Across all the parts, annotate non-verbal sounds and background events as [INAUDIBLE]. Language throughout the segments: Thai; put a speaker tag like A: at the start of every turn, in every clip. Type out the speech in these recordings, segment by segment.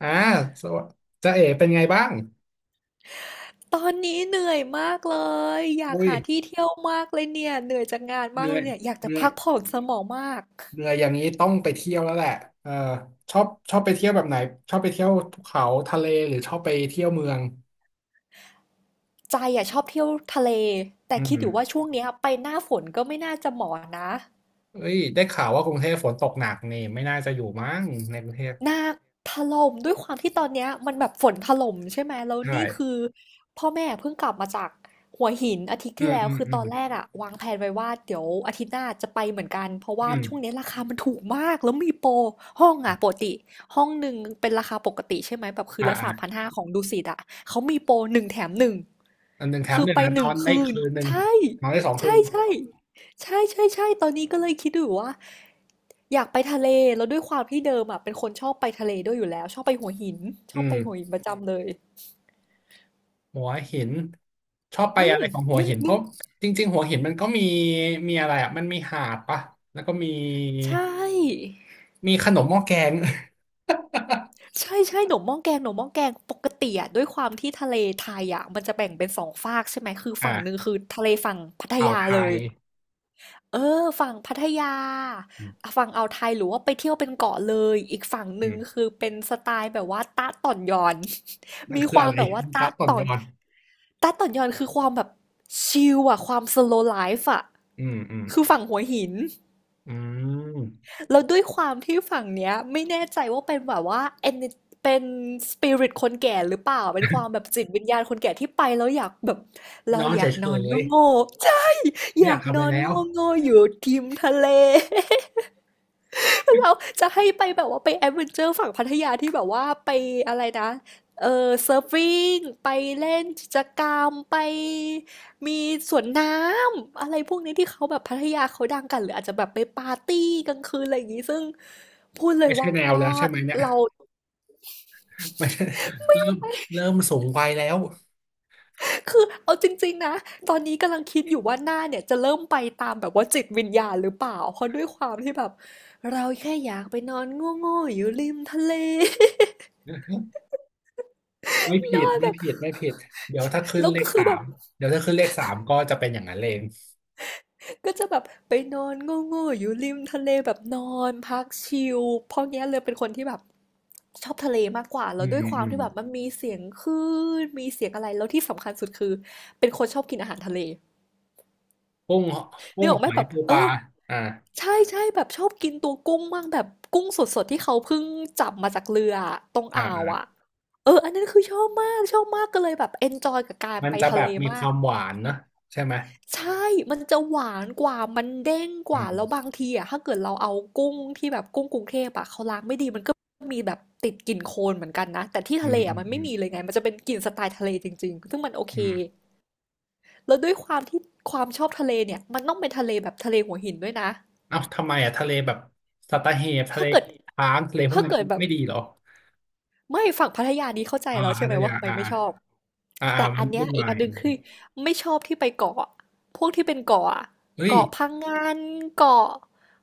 A: อ่าสวัสดีจ๊ะเอ๋เป็นไงบ้าง
B: ตอนนี้เหนื่อยมากเลยอยาก
A: อุ้ย
B: หาที่เที่ยวมากเลยเนี่ยเหนื่อยจากงาน
A: เห
B: มาก
A: นื่
B: เล
A: อ
B: ย
A: ย
B: เนี่ยอยาก
A: เห
B: จะ
A: นื่อย
B: พักผ่อนสมองมาก
A: เหนื่อยอย่างนี้ต้องไปเที่ยวแล้วแหละเออชอบชอบไปเที่ยวแบบไหนชอบไปเที่ยวภูเขาทะเลหรือชอบไปเที่ยวเมือง
B: ใจอ่ะชอบเที่ยวทะเลแต่
A: อื
B: คิดอ
A: ม
B: ยู่ว่าช่วงเนี้ยไปหน้าฝนก็ไม่น่าจะเหมาะนะ
A: เอ้ยได้ข่าวว่ากรุงเทพฝนตกหนักนี่ไม่น่าจะอยู่มั้งในกรุงเทพ
B: หนักถล่มด้วยความที่ตอนเนี้ยมันแบบฝนถล่มใช่ไหมแล้ว
A: ใช่
B: นี่คือพ่อแม่เพิ่งกลับมาจากหัวหินอาทิตย์
A: อื
B: ที่
A: ม
B: แล้
A: อื
B: ว
A: ม
B: คือ
A: อื
B: ต
A: ม
B: อนแรกอะวางแผนไว้ว่าเดี๋ยวอาทิตย์หน้าจะไปเหมือนกันเพราะ
A: อื
B: ว่าช่วง
A: ม
B: นี้ราคามันถูกมากแล้วมีโปรห้องอะปกติห้องหนึ่งเป็นราคาปกติใช่ไหมแบบคื
A: อ่า
B: นละ
A: อ่า
B: 3,500ของดุสิตอะเขามีโปรหนึ่งแถมหนึ่ง
A: อันหนึ่งแถม
B: คือ
A: หนึ่ง
B: ไป
A: นะ
B: ห
A: นอ
B: นึ่ง
A: นได้
B: คืน
A: คืนหนึ่ง
B: ใช่
A: นอนได้สองคื
B: ใช่
A: น
B: ใช่ ใช่ๆๆตอนนี้ก็เลยคิดอยู่ว่าอยากไปทะเลแล้วด้วยความที่เดิมอะเป็นคนชอบไปทะเลด้วยอยู่แล้วชอบไปหัวหินช
A: อื
B: อบ
A: ม
B: ไปหัวหินประจำเลย
A: หัวหินชอบไป
B: อื
A: อะ
B: ม
A: ไรของหัว
B: นึก
A: หินเพ
B: นึง
A: ราะจริงๆหัวหินมันก็มีมีอะไรอ่ะมันมีหาดปะแล้วก็มี
B: ใช่
A: มีขนมหม้อแกง
B: ใช่ใช่หนมหม้อแกงหนมหม้อแกงปกติอะด้วยความที่ทะเลไทยอะมันจะแบ่งเป็นสองฝากใช่ไหมคือ
A: [LAUGHS] อ่า
B: ฝั่งหนึ่งคือทะเลฝั่งพัท
A: อ่าว
B: ยา
A: ไท
B: เลย
A: ย
B: เออฝั่งพัทยา
A: อืม
B: ฝั่งอ่าวไทยหรือว่าไปเที่ยวเป็นเกาะเลยอีกฝั่งห
A: อื
B: นึ่ง
A: ม
B: คือเป็นสไตล์แบบว่าตะต่อนยอน
A: มั
B: [LAUGHS]
A: น
B: มี
A: คื
B: ค
A: อ
B: วา
A: อะ
B: ม
A: ไร
B: แบบว่า
A: ละ
B: ตะ
A: ต่อน
B: ต่อ
A: ย
B: น
A: อน
B: ตาต่อนยอนคือความแบบชิลอะความ slow life อะ
A: อืมอืม
B: คือฝั่งหัวหิน
A: อืม
B: แล้วด้วยความที่ฝั่งเนี้ยไม่แน่ใจว่าเป็นแบบว่า เป็น spirit คนแก่หรือเปล่าเป็นความแบบจิตวิญญาณคนแก่ที่ไปแล้วอยากแบบเรา
A: น้อง
B: อ
A: เฉ
B: ยากนอน
A: ย
B: โง่ๆ่
A: ๆ
B: [LAUGHS] อ
A: ไม่
B: ยา
A: อยาก
B: ก
A: ทำ
B: น
A: อะไร
B: อน
A: แล้
B: โ
A: ว
B: ง่ๆอยู่ทิมทะเล [LAUGHS] คือเราจะให้ไปแบบว่าไปแอดเวนเจอร์ฝั่งพัทยาที่แบบว่าไปอะไรนะเออเซิร์ฟฟิงไปเล่นกิจกรรมไปมีสวนน้ำอะไรพวกนี้ที่เขาแบบพัทยาเขาดังกันหรืออาจจะแบบไปปาร์ตี้กลางคืนอะไรอย่างนี้ซึ่งพูดเลย
A: ไม่ใช่
B: ว่า
A: แนวแล้วใช่ไหมเนี่ย
B: เรา
A: ไม่ใช่เริ่มเริ่มสูงวัยแล้ว
B: คือเอาจริงๆนะตอนนี้กำลังคิดอยู่ว่าหน้าเนี่ยจะเริ่มไปตามแบบว่าจิตวิญญาณหรือเปล่าเพราะด้วยความที่แบบเราแค่อยากไปนอนโง่ๆอยู่ริมทะเล [LAUGHS]
A: [LAUGHS] ไม่
B: น
A: ผิ
B: อ
A: ด
B: นแบ
A: ไม่
B: บ
A: ผิดไม่ผิดเดี๋ยวถ้าขึ้น
B: แล้ว
A: เล
B: ก็
A: ข
B: คือ
A: สา
B: แบบ
A: มเดี๋ยวถ้าขึ้นเลขสามก็จะเป็นอย่างนั้นเอง
B: ก็จะแบบไปนอนโง่ๆอยู่ริมทะเลแบบนอนพักชิลเพราะเงี้ยเลยเป็นคนที่แบบชอบทะเลมากกว่าแล้
A: อื
B: ว
A: ม
B: ด้วยควา
A: อื
B: ม
A: ม
B: ที่แบบมันมีเสียงคลื่นมีเสียงอะไรแล้วที่สำคัญสุดคือเป็นคนชอบกินอาหารทะเล
A: กุ้งกุ้
B: นึก
A: ง
B: ออกไห
A: ห
B: ม
A: อย
B: แบบ
A: ปู
B: เอ
A: ป
B: อ
A: ลาอ่า
B: ใช่ใช่แบบชอบกินตัวกุ้งมากแบบกุ้งสดๆที่เขาเพิ่งจับมาจากเรือตรง
A: อ่า
B: อ่าว
A: อ่า
B: อ่ะเอออันนั้นคือชอบมากชอบมากก็เลยแบบเอนจอยกับการ
A: มัน
B: ไป
A: จะ
B: ทะ
A: แบ
B: เล
A: บมี
B: มา
A: ค
B: ก
A: วามหวานเนอะใช่ไหม
B: ใช่มันจะหวานกว่ามันเด้งก
A: อื
B: ว่าแล้วบา
A: ม
B: งทีอะถ้าเกิดเราเอากุ้งที่แบบกุ้งกรุงเทพอะเขาล้างไม่ดีมันก็มีแบบติดกลิ่นโคลนเหมือนกันนะแต่ที่
A: อื
B: ทะเล
A: มอื
B: อะ
A: ม
B: มัน
A: อื
B: ไม่
A: ม
B: มีเลยไงมันจะเป็นกลิ่นสไตล์ทะเลจริงๆซึ่งมันโอเค
A: อืม
B: แล้วด้วยความที่ความชอบทะเลเนี่ยมันต้องเป็นทะเลแบบทะเลหัวหินด้วยนะ
A: เอ้าทำไมอ่ะทะเลแบบสัตหีบทะเล
B: ถ้าเกิด
A: ช้างทะเลพวก
B: ถ้า
A: นั้น
B: เกิดแบบ
A: ไม่ดีเหรอ
B: ไม่ฝั่งพัทยานี้เข้าใจ
A: อ่า
B: แล้วใช่
A: พั
B: ไห
A: ท
B: ม
A: ยา
B: ว่าทำไม
A: อ่า
B: ไม่ชอบ
A: อ่าอ่า
B: แต่
A: อ่ามั
B: อั
A: น
B: นเนี้ย
A: วุ่น
B: อี
A: วา
B: ก
A: ย
B: อันห
A: อื
B: นึ่งคือ
A: ม
B: ไม่ชอบที่ไปเกาะพวกที่เป็นเกาะอะ
A: เฮ้ย
B: เกาะพังงานเกาะ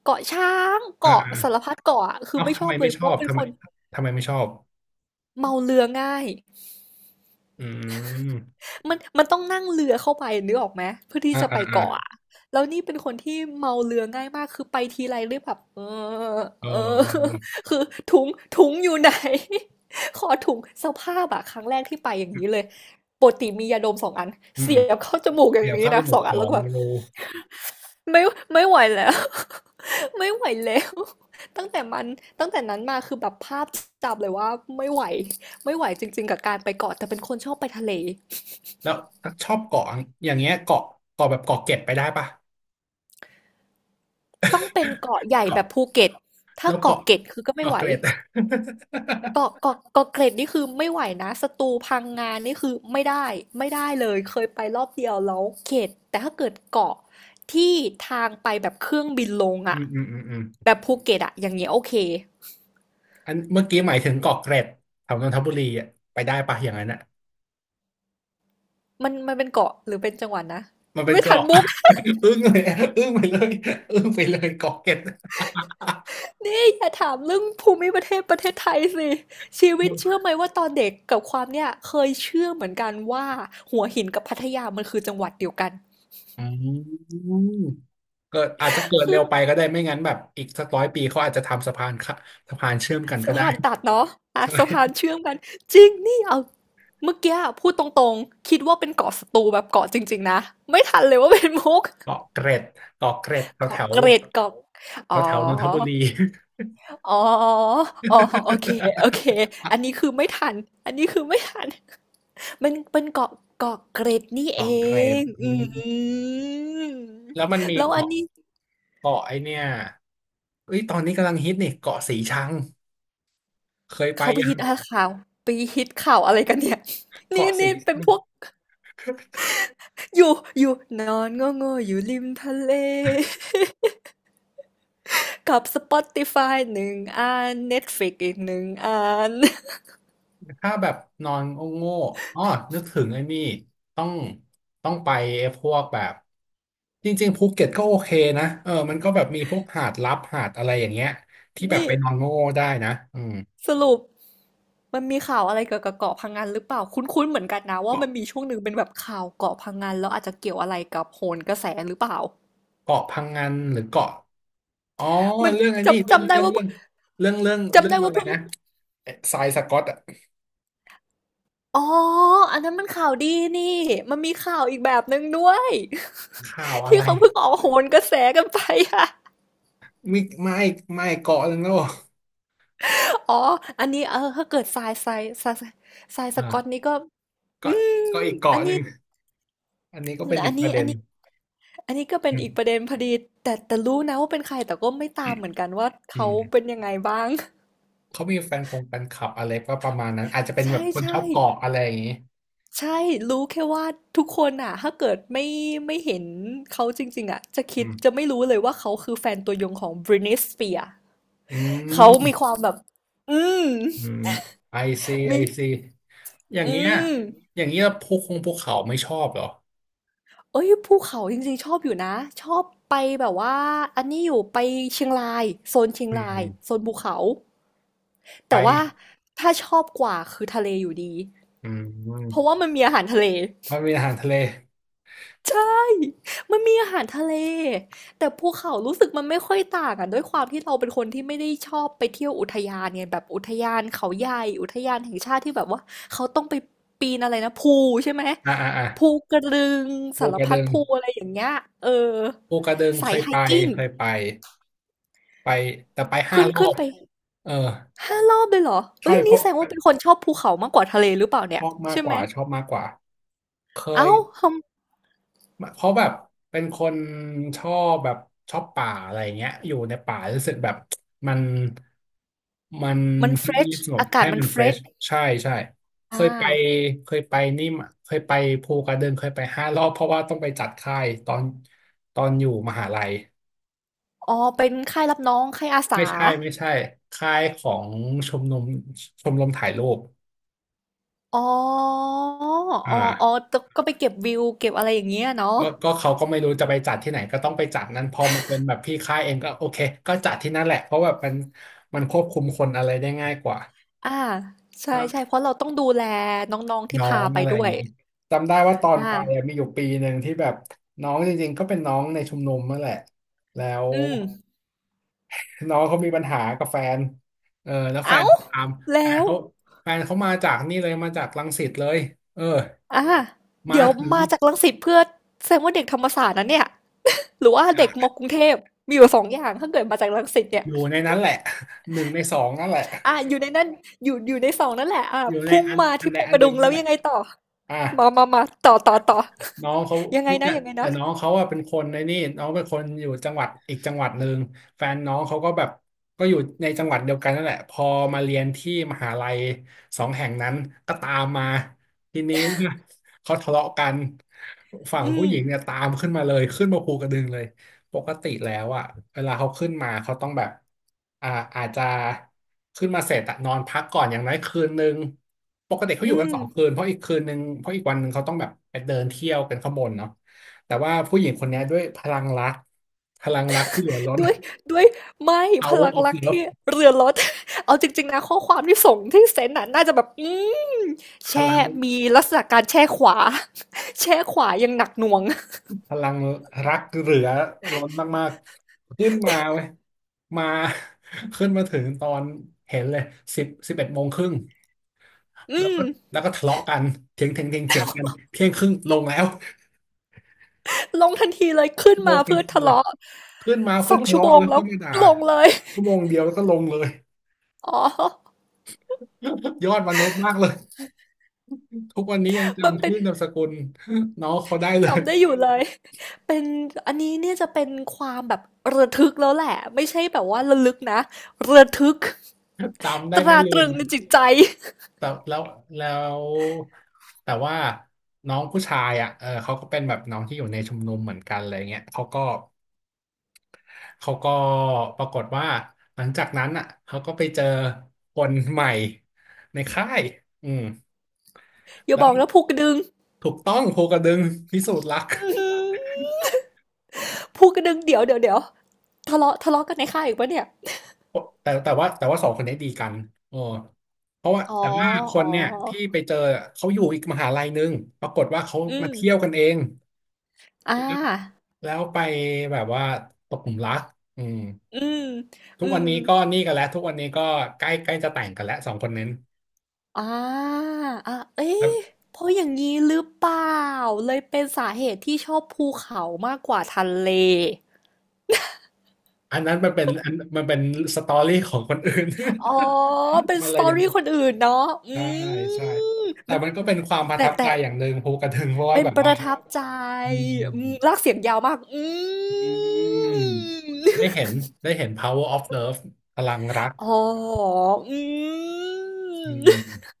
B: เกาะช้าง
A: อ่า
B: เกาะ
A: อ่า
B: สารพัดเกาะอะคือ
A: เอ้า
B: ไม่ช
A: ทำ
B: อ
A: ไม
B: บเล
A: ไม่
B: ยเพ
A: ช
B: ราะ
A: อ
B: ว่า
A: บ
B: เป็น
A: ทำ
B: ค
A: ไม
B: น
A: ทำไมไม่ชอบ
B: เมาเรือง่าย
A: อืม
B: มันต้องนั่งเรือเข้าไปนึกออกไหมเพื่อที่
A: อ่า
B: จะ
A: อ่า
B: ไป
A: อ่า
B: เกาะอะแล้วนี่เป็นคนที่เมาเรือง่ายมากคือไปทีไรเรียกแบบเออ
A: เออ
B: เออ
A: เออเอ
B: [LAUGHS] คือถุงถุงอยู่ไหน [LAUGHS] ขอถุงสภาพอะครั้งแรกที่ไปอย่าง
A: อ
B: นี้เลยปกติมียาดมสองอัน
A: อืม
B: เสี
A: อื
B: ย
A: ม
B: บเข้าจมูกอย่าง
A: เดี๋ยว
B: นี้
A: เข้าวจ
B: นะ
A: มู
B: ส
A: ก
B: อง
A: ส
B: อัน
A: อ
B: แล้ว
A: ง
B: ก็แบบ
A: รู
B: ไม่ไม่ไหวแล้ว [LAUGHS] ไม่ไหวแล้วตั้งแต่มันตั้งแต่นั้นมาคือแบบภาพจำเลยว่าไม่ไหวไม่ไหวจริงๆกับการไปเกาะแต่เป็นคนชอบไปทะเล
A: แล้วชอบเกาะอย่างเงี้ยเกาะเกาะแบบเกาะเกร็ดไปได้ปะ
B: ต้องเป็นเกาะใหญ่แบ
A: เกาะ
B: บภูเก็ตถ้า
A: แล้ว
B: เกาะ
A: เกาะ
B: เกร็ดคือก็ไม่
A: เกาะ
B: ไหว
A: เกร็ด [LAUGHS]
B: เกาะเกร็ดนี่คือไม่ไหวนะ สตูลพังงานนี่คือไม่ได้ไม่ได้เลยเคยไปรอบเดียวแล้วเข็ดแต่ถ้าเกิดเกาะที่ทางไปแบบเครื่องบินลง
A: อื
B: อะ
A: มอืมอืมอืม
B: แบบภูเก็ตอะอย่างเงี้ยโอเค
A: อันเมื่อกี้หมายถึงเกาะเกร็ดแถวนนทบุรีอ่ะไปได้ปะอย่างนั้นอ่ะ
B: มันเป็นเกาะหรือเป็นจังหวัดนะ
A: มันเป็น
B: ไม่ทัน
A: เกาะ
B: มุก
A: [LAUGHS] อึ้งเลยอะอึ้งไปเลยอึ้งไปเลยเกาะเกร็ด
B: [LAUGHS] นี่อย่าถามเรื่องภูมิประเทศประเทศไทยสิชีวิตเชื่อไหมว่าตอนเด็กกับความเนี่ยเคยเชื่อเหมือนกันว่าหัวหินกับพัทยามันคือจังหวัดเดียวกัน
A: อืมเกิดอาจจะเกิด
B: คื
A: เร็
B: อ
A: วไปก็ได้ไม่งั้นแบบอีกสัก100 ปีเขาอาจจะทำสะพานค่ะสะพานเชื่อมกันก็
B: สะ
A: ได้
B: พานตัดเนาะ
A: ใ
B: อ่ะสะพาน
A: ช่
B: เชื่อมกันจริง นี่เอาเมื่อกี้อะพูดตรงๆ คิดว่าเป็นเกาะสตูแบบเกาะจริงๆนะ ไม่ทันเลยว่าเป็นมุก
A: เกาะเกร็ดเกาะเกร็ดแถวแถ
B: เกาะ
A: ว
B: เกร็ดเกาะ
A: แถ
B: อ๋อ
A: วแถวนนทบุรี [LAUGHS]
B: อ๋อ อ๋อโอเคโอเค อันนี้คือไม่ทันอันนี้คือไม่ทันมันเป็นเกาะเกาะเกร็ดนี่เอ
A: เกาะเกร็ด
B: ง
A: อื
B: อื
A: ม
B: ม
A: แล้วมันมี
B: แล้วอัน
A: เกาะ
B: นี้
A: เกาะไอเนี่ย เอ้ยตอนนี้กำลังฮิตนี่เกาะสีชังเคยไป
B: เขาไป
A: ยั
B: ฮิ
A: ง
B: ตอะไรข่าวไปฮิตข่าวอะไรกันเนี่ยนี่
A: เกาะสี
B: นี่เป็
A: ชั
B: น
A: ง
B: พวก
A: [LAUGHS]
B: อยู่อยู่นอนโง่ๆอยู่ริมทะเล [LAUGHS] กับ Spotify 1 อัน Netflix อีก 1 อัน
A: ถ้าแบบนอนโง่ๆอ๋อนึกถึงไอ้นี่ต้องต้องไป้พวกแบบจริงๆภูเก็ตก็โอเคนะเออมันก็แบบมีพวกหาดลับหาดอะไรอย่างเงี้ยที่
B: [LAUGHS]
A: แบบ
B: นี่
A: ไปนอนโง่ได้นะอืม
B: สรุปมันมีข่าวอะไรเกี่ยวกับเกาะพังงานหรือเปล่าคุ้นๆเหมือนกันนะว่า
A: เกาะ
B: มันมีช่วงหนึ่งเป็นแบบข่าวเกาะพังงานแล้วอาจจะเกี่ยวอะไรกับโหนกระแสหรือเปล่า
A: เกาะพังงันหรือเกาะอ๋อ
B: มัน
A: เรื่องไอ้นี่
B: จำ
A: เรื่อง
B: จำได้
A: เรื่อง
B: ว่า
A: เรื่องเรื่องเรื่อง
B: จำ
A: เรื่อ
B: ได้
A: งอะ
B: ว่า
A: ไร
B: เพิ่ง
A: นะเอ๊ะทรายสก๊อตอะ
B: อ๋ออันนั้นมันข่าวดีนี่มันมีข่าวอีกแบบหนึ่งด้วย
A: ข่าว
B: [LAUGHS]
A: อะ
B: ที่
A: ไร
B: เขาเพิ่งออกโหนกระแสกันไปอะ
A: ไม่ไม่เกาะหนึ่งแล้วเหรอ
B: อ๋อ อันนี้เออถ้าเกิดทรายสกอต
A: อ่า
B: นี่ก็อื
A: เกาะ
B: ม
A: เกาะอีก
B: อั
A: เกาะ
B: น
A: ห
B: นี้
A: นึ่ง อันนี้ก็เป็นอี
B: อั
A: ก
B: น
A: ป
B: นี้
A: ระเด็
B: อัน
A: น
B: นี้อันนี้ก็เป็
A: อื
B: น
A: ม
B: อีกประเด็นพอดีแต่รู้นะว่าเป็นใครแต่ก็ไม่
A: อื
B: ตาม
A: ม
B: เหมือนกันว่า
A: อื
B: เขา
A: ม
B: เป็นยังไงบ้าง
A: เขามีแฟนคงแฟนคลับอะไรก็ประมาณนั้นอาจจะเป็
B: [LAUGHS]
A: นแบ
B: ใช่
A: บคนช
B: ใช่
A: อบเกาะอะไรอย่างนี้
B: ใช่รู้แค่ว่าทุกคนอ่ะ ถ้าเกิดไม่เห็นเขาจริงๆอ่ะจะ
A: อื
B: คิดจะ
A: ม
B: ไม่รู้เลยว่าเขาคือแฟนตัวยงของ Britney Spears
A: อื
B: เขา
A: ม
B: มีความแบบ อืม
A: อืมไอซีไอ
B: มี
A: ซีอย่าง
B: อื
A: เงี้ย
B: ม
A: อย่างเงี้ยพวกคงพวกเขาไม่ชอบเหรอ
B: เอ้ยภูเขาจริงๆชอบอยู่นะชอบไปแบบว่าอันนี้อยู่ไปเชียงรายโซนเชียง
A: อื
B: ราย
A: ม
B: โซนภูเขา
A: ไป
B: แต่ว่าถ้าชอบกว่าคือทะเลอยู่ดี
A: อื
B: เพราะ
A: ม
B: ว่ามันมีอาหารทะเล
A: มันมีอาหารทะเล
B: ใช่มันมีอาหารทะเลแต่ภูเขารู้สึกมันไม่ค่อยต่างอ่ะด้วยความที่เราเป็นคนที่ไม่ได้ชอบไปเที่ยวอุทยานไงแบบอุทยานเขาใหญ่อุทยานแห่งชาติที่แบบว่าเขาต้องไปปีนอะไรนะภูใช่ไหม
A: อ่าอ่าอ่า
B: ภูกระดึง
A: ภู
B: สาร
A: กระ
B: พั
A: ดึ
B: ด
A: ง
B: ภูอะไรอย่างเงี้ยเออ
A: ภูกระดึงเค
B: สาย
A: ย
B: ไฮ
A: ไป
B: กิ้ง
A: เคยไปไปแต่ไปห้า
B: ขึ้น
A: รอ
B: ขึ้น
A: บ
B: ไป
A: เออ
B: 5 รอบเลยเหรอ
A: ใช่
B: เฮ้ยอัน
A: เพ
B: นี้
A: ราะ
B: แสดงว่าเป็นคนชอบภูเขามากกว่าทะเลหรือเปล่า
A: ช
B: เนี่ย
A: อบมาก
B: ใช่
A: ก
B: ไหม
A: ว่าชอบมากกว่าเค
B: อ้า
A: ย
B: วท
A: เขาแบบเป็นคนชอบแบบชอบป่าอะไรเงี้ยอยู่ในป่ารู้สึกแบบมันมัน
B: ำมันเฟร
A: เงี
B: ช
A: ยบสงบ
B: อากา
A: ให้
B: ศมัน
A: มัน
B: เฟ
A: เฟ
B: ร
A: รช
B: ช
A: ใช่ใช่เค
B: อา
A: ยไปเคยไปนี่มเคยไปภูกระดึงเคยไปห้ารอบเพราะว่าต้องไปจัดค่ายตอนตอนอยู่มหาลัย
B: อ๋อเป็นค่ายรับน้องค่ายอา
A: ไม่
B: สา
A: ใช่ไม่ใช่ค่ายของชมรมชมรมถ่ายรูป
B: อ๋ออ๋อ
A: อ่า
B: ๆตก็ไปเก็บวิวเก็บอะไรอย่างเงี้ยเนาะ
A: ก็ก็เขาก็ไม่รู้จะไปจัดที่ไหนก็ต้องไปจัดนั้นพอมันเป็นแบบพี่ค่ายเองก็โอเคก็จัดที่นั่นแหละเพราะแบบมันมันควบคุมคนอะไรได้ง่ายกว่า
B: อาใช่ๆเพราะเราต้องดูแลน้องๆที่
A: น้อ
B: พา
A: ง
B: ไป
A: อะไรอ
B: ด้
A: ย่า
B: ว
A: ง
B: ย
A: นี้จำได้ว่าตอนไปอะ
B: อา
A: มีอยู่ปีหนึ่งที่แบบน้องจริงๆก็เป็นน้องในชุมนุมนั่นแหละแล้ว
B: อืม
A: น้องเขามีปัญหากับแฟนเออแล้วแฟ
B: อ้า
A: น
B: ว
A: เขาตามแฟ
B: แล้
A: น
B: ว
A: เขาแฟนเขามาจากนี่เลยมาจากรังสิตเลยเออ
B: อา
A: มา
B: เดี๋ยว
A: ถึง
B: มาจากรังสิตเพื่อแสดงว่าเด็กธรรมศาสตร์นะเนี่ย หรือว่าเด็กมกรุงเทพมีอยู่2 อย่างถ้าเกิดมาจากรังสิตเนี่
A: อ
B: ย
A: ยู่ในนั้นแหละ [LAUGHS] หนึ่งในสองนั่นแหละ
B: อ่ะอยู่ในนั้นอยู่ในสองนั่นแหละอ่ะ
A: อยู่ใน
B: พุ่ง
A: อัน
B: มา
A: อัน
B: ที่
A: ใด
B: ภู
A: อั
B: ก
A: น
B: ระ
A: ห
B: ดึ
A: นึ่ง
B: งแล้
A: นั่น
B: ว
A: แหละ
B: ยังไงต่อ
A: อ่ะ
B: มามามาต่อ
A: น้องเขา
B: ยังไงนะ
A: แต่
B: ยังไง
A: แต่
B: นะ
A: น้องเขาอะเป็นคนในนี่น้องเป็นคนอยู่จังหวัดอีกจังหวัดหนึ่ง แฟนน้องเขาก็แบบก็อยู่ในจังหวัดเดียวกันนั่นแหละพอมาเรียนที่มหาลัยสองแห่งนั้นก็ตามมาทีนี้ว่าเขาทะเลาะกันฝั่ง
B: อื
A: ผู้ห
B: ม
A: ญิงเนี่ยตามขึ้นมาเลยขึ้นมาภูกระดึงเลย ปกติแล้วอ่ะเวลาเขาขึ้นมาเขาต้องแบบอ่าอาจจะขึ้นมาเสร็จอะนอนพักก่อนอย่างน้อยคืนนึงปกติเขาอ
B: อื
A: ยู่กัน
B: ม
A: 2 คืนเพราะอีกคืนนึงเพราะอีกวันนึงเขาต้องแบบไปเดินเที่ยวกันข้างบนเนาะแต่ว่าผู้หญิงคนเนี้ยด้วยพลังรักพลังรักที่เหลือล้น
B: ด้วยด้วยไม่พ
A: power
B: ลัง
A: of
B: รักที่
A: love
B: เรือนรถ [LAUGHS] เอาจริงๆนะข้อความที่ส่งที่เซนน่ะน่าจะแบบอืม
A: พ
B: แช่
A: ลัง
B: มีลักษณะการแช่ขวา [LAUGHS] แช่ขวายังหนักหน่วง
A: พลังรักเหลือล้นมากๆขึ้นมาเว้ยมา [LAUGHS] ขึ้นมาถึงตอนเห็นเลยสิบเอ็ดโมงครึ่ง
B: อื
A: แล้วก็
B: ม
A: แล้วก็ทะเลาะกันเถียงเถียงเถียงเถียงกัน12:30 น.ลงแล้ว
B: ลงทันทีเลยขึ้น
A: [LAUGHS] ล
B: มา
A: งทัน
B: เพื่อ
A: ที
B: ทะ
A: เลย
B: เลาะ
A: ขึ้นมา
B: ส
A: เพื่อ
B: อง
A: ทะ
B: ชั่วโม
A: เลาะ
B: ง
A: แล้ว
B: แล้ว
A: ขึ้นมาด่า
B: ลงเลย
A: ชั่วโมงเดียวแล้วก็ลงเลย
B: อ๋อ [LAUGHS]
A: [LAUGHS] ยอดมนุษย์มากเลยทุกวันนี้ยัง
B: มัน
A: จำ
B: เป็น
A: ชื่อนามสกุลน้องเขาได้เลย
B: จำได้อยู่เลยเป็นอันนี้เนี่ยจะเป็นความแบบระทึกแล้วแหละไม่ใช่แบบว่าระลึกนะระทึก
A: จำได้
B: ต
A: ไม่
B: รา
A: ลื
B: ตรึ
A: ม
B: งในจิตใจ
A: แต่แล้วแล้วแต่ว่าน้องผู้ชายอ่ะเออเขาก็เป็นแบบน้องที่อยู่ในชุมนุมเหมือนกันอะไรเงี้ยเขาก็ปรากฏว่าหลังจากนั้นอ่ะเขาก็ไปเจอคนใหม่ในค่ายอืม
B: อย่า
A: แล้
B: บ
A: ว
B: อกนะภูกระดึง
A: ถูกต้องภูกระดึงพิสูจน์รัก
B: [LAUGHS] อื้อหือภูกระดึงเดี๋ยวทะเลาะกันในค่ายอีกปะเนี่ย
A: [LAUGHS] แต่ว่าสองคนนี้ดีกันโอ้เพราะว่า
B: อ๋อ
A: แต่ว่าค
B: อ๋
A: น
B: อ
A: เนี่ยที่ไปเจอเขาอยู่อีกมหาลัยหนึงปรากฏว่าเขา
B: อื
A: มา
B: ม
A: เที่ยวกันเอง
B: อ่า
A: แล้วไปแบบว่าตกหลุมรักอืม
B: อืม
A: ทุ
B: อื
A: กวัน
B: ม
A: นี้ก็นี่กันแล้วทุกวันนี้ก็ใกล้ใกล้จะแต่งกันแล้วสองคนนั้น
B: อ่าอ่ะ
A: แล้ว
B: เอ๊ะเพราะอย่างนี้หรือเปล่าเลยเป็นสาเหตุที่ชอบภูเขามากกว่าทะเล
A: อันนั้นมันเป็นสตอรี่ของคนอื่น
B: อ๋อ เป็น
A: [LAUGHS] มัน
B: ส
A: เล
B: ต
A: ย
B: อ
A: ยัง
B: รี่
A: ไม่
B: คนอื่นเนาะอื
A: ใช่ใช่
B: ม
A: แต่
B: มัน
A: มันก็เป็นความประ
B: แต่
A: ทับใจ
B: แต่
A: อย่างหนึ่งภูกระดึงเพราะว่า
B: เป็น
A: แบบ
B: ป
A: ว่า
B: ระทับใจ
A: อืม
B: อืมลากเสียงยาวมากอื
A: อืมได้
B: ม
A: เห็นได้เห็น power of love พลังรัก
B: อ๋ออื
A: อื
B: ม
A: ม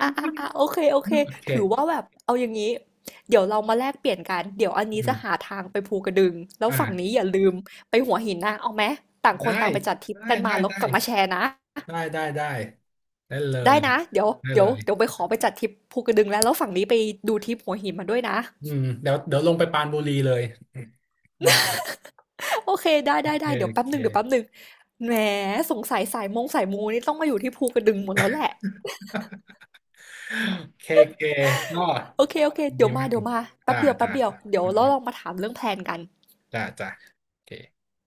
B: อ่ะอ่ะอ่ะโอเคโอเค
A: โอเค
B: ถือว่าแบบ เอาอย่างนี้ เดี๋ยวเรามาแลกเปลี่ยนกัน เดี๋ยวอันนี้
A: อื
B: จะ
A: ม
B: หาทางไปภูกระดึงแล้วฝั่งนี้
A: อ่า
B: อย่าลืมไปหัวหินนะเอาไหมต่างคน
A: ได้
B: ต่างไปจัดทริป
A: ได้
B: กันมา
A: ได้
B: แล้ว
A: ได้
B: กลับมาแชร์นะ
A: ได้ได้ได้ได้เล
B: ได้
A: ย
B: นะเดี๋ยว
A: ได้
B: เดี๋
A: เล
B: ยว
A: ย
B: เดี๋ยวไปขอไปจัดทริปภูกระดึงแล้วฝั่งนี้ไปดูทริปหัวหินมาด้วยนะ
A: อืมเดี๋ยวเดี๋ยวลงไปปรานบุรีเลยอืม
B: [LAUGHS] โอเคได้
A: โอ
B: ได้
A: เค
B: ได้เดี๋ยว
A: โอ
B: แป๊บหนึ่งเดี๋ยวแป๊บ
A: เค
B: หนึ่งแหมสงสัยสายมงสายมูนี่ต้องมาอยู่ที่ภูกระดึงหมดแล้วแหละ
A: เคเคก็
B: โอเคโอเค
A: ดี
B: เดี๋ยวมา
A: มาก
B: เดี๋ยวมาแป๊บ
A: จ้า
B: เดียวแป๊
A: จ้า
B: บเดียว
A: จ้า
B: เดี๋ยว
A: อืม
B: เรา
A: อืม
B: ลองมาถามเรื่องแพลนกัน
A: จ้าจ้าโอเค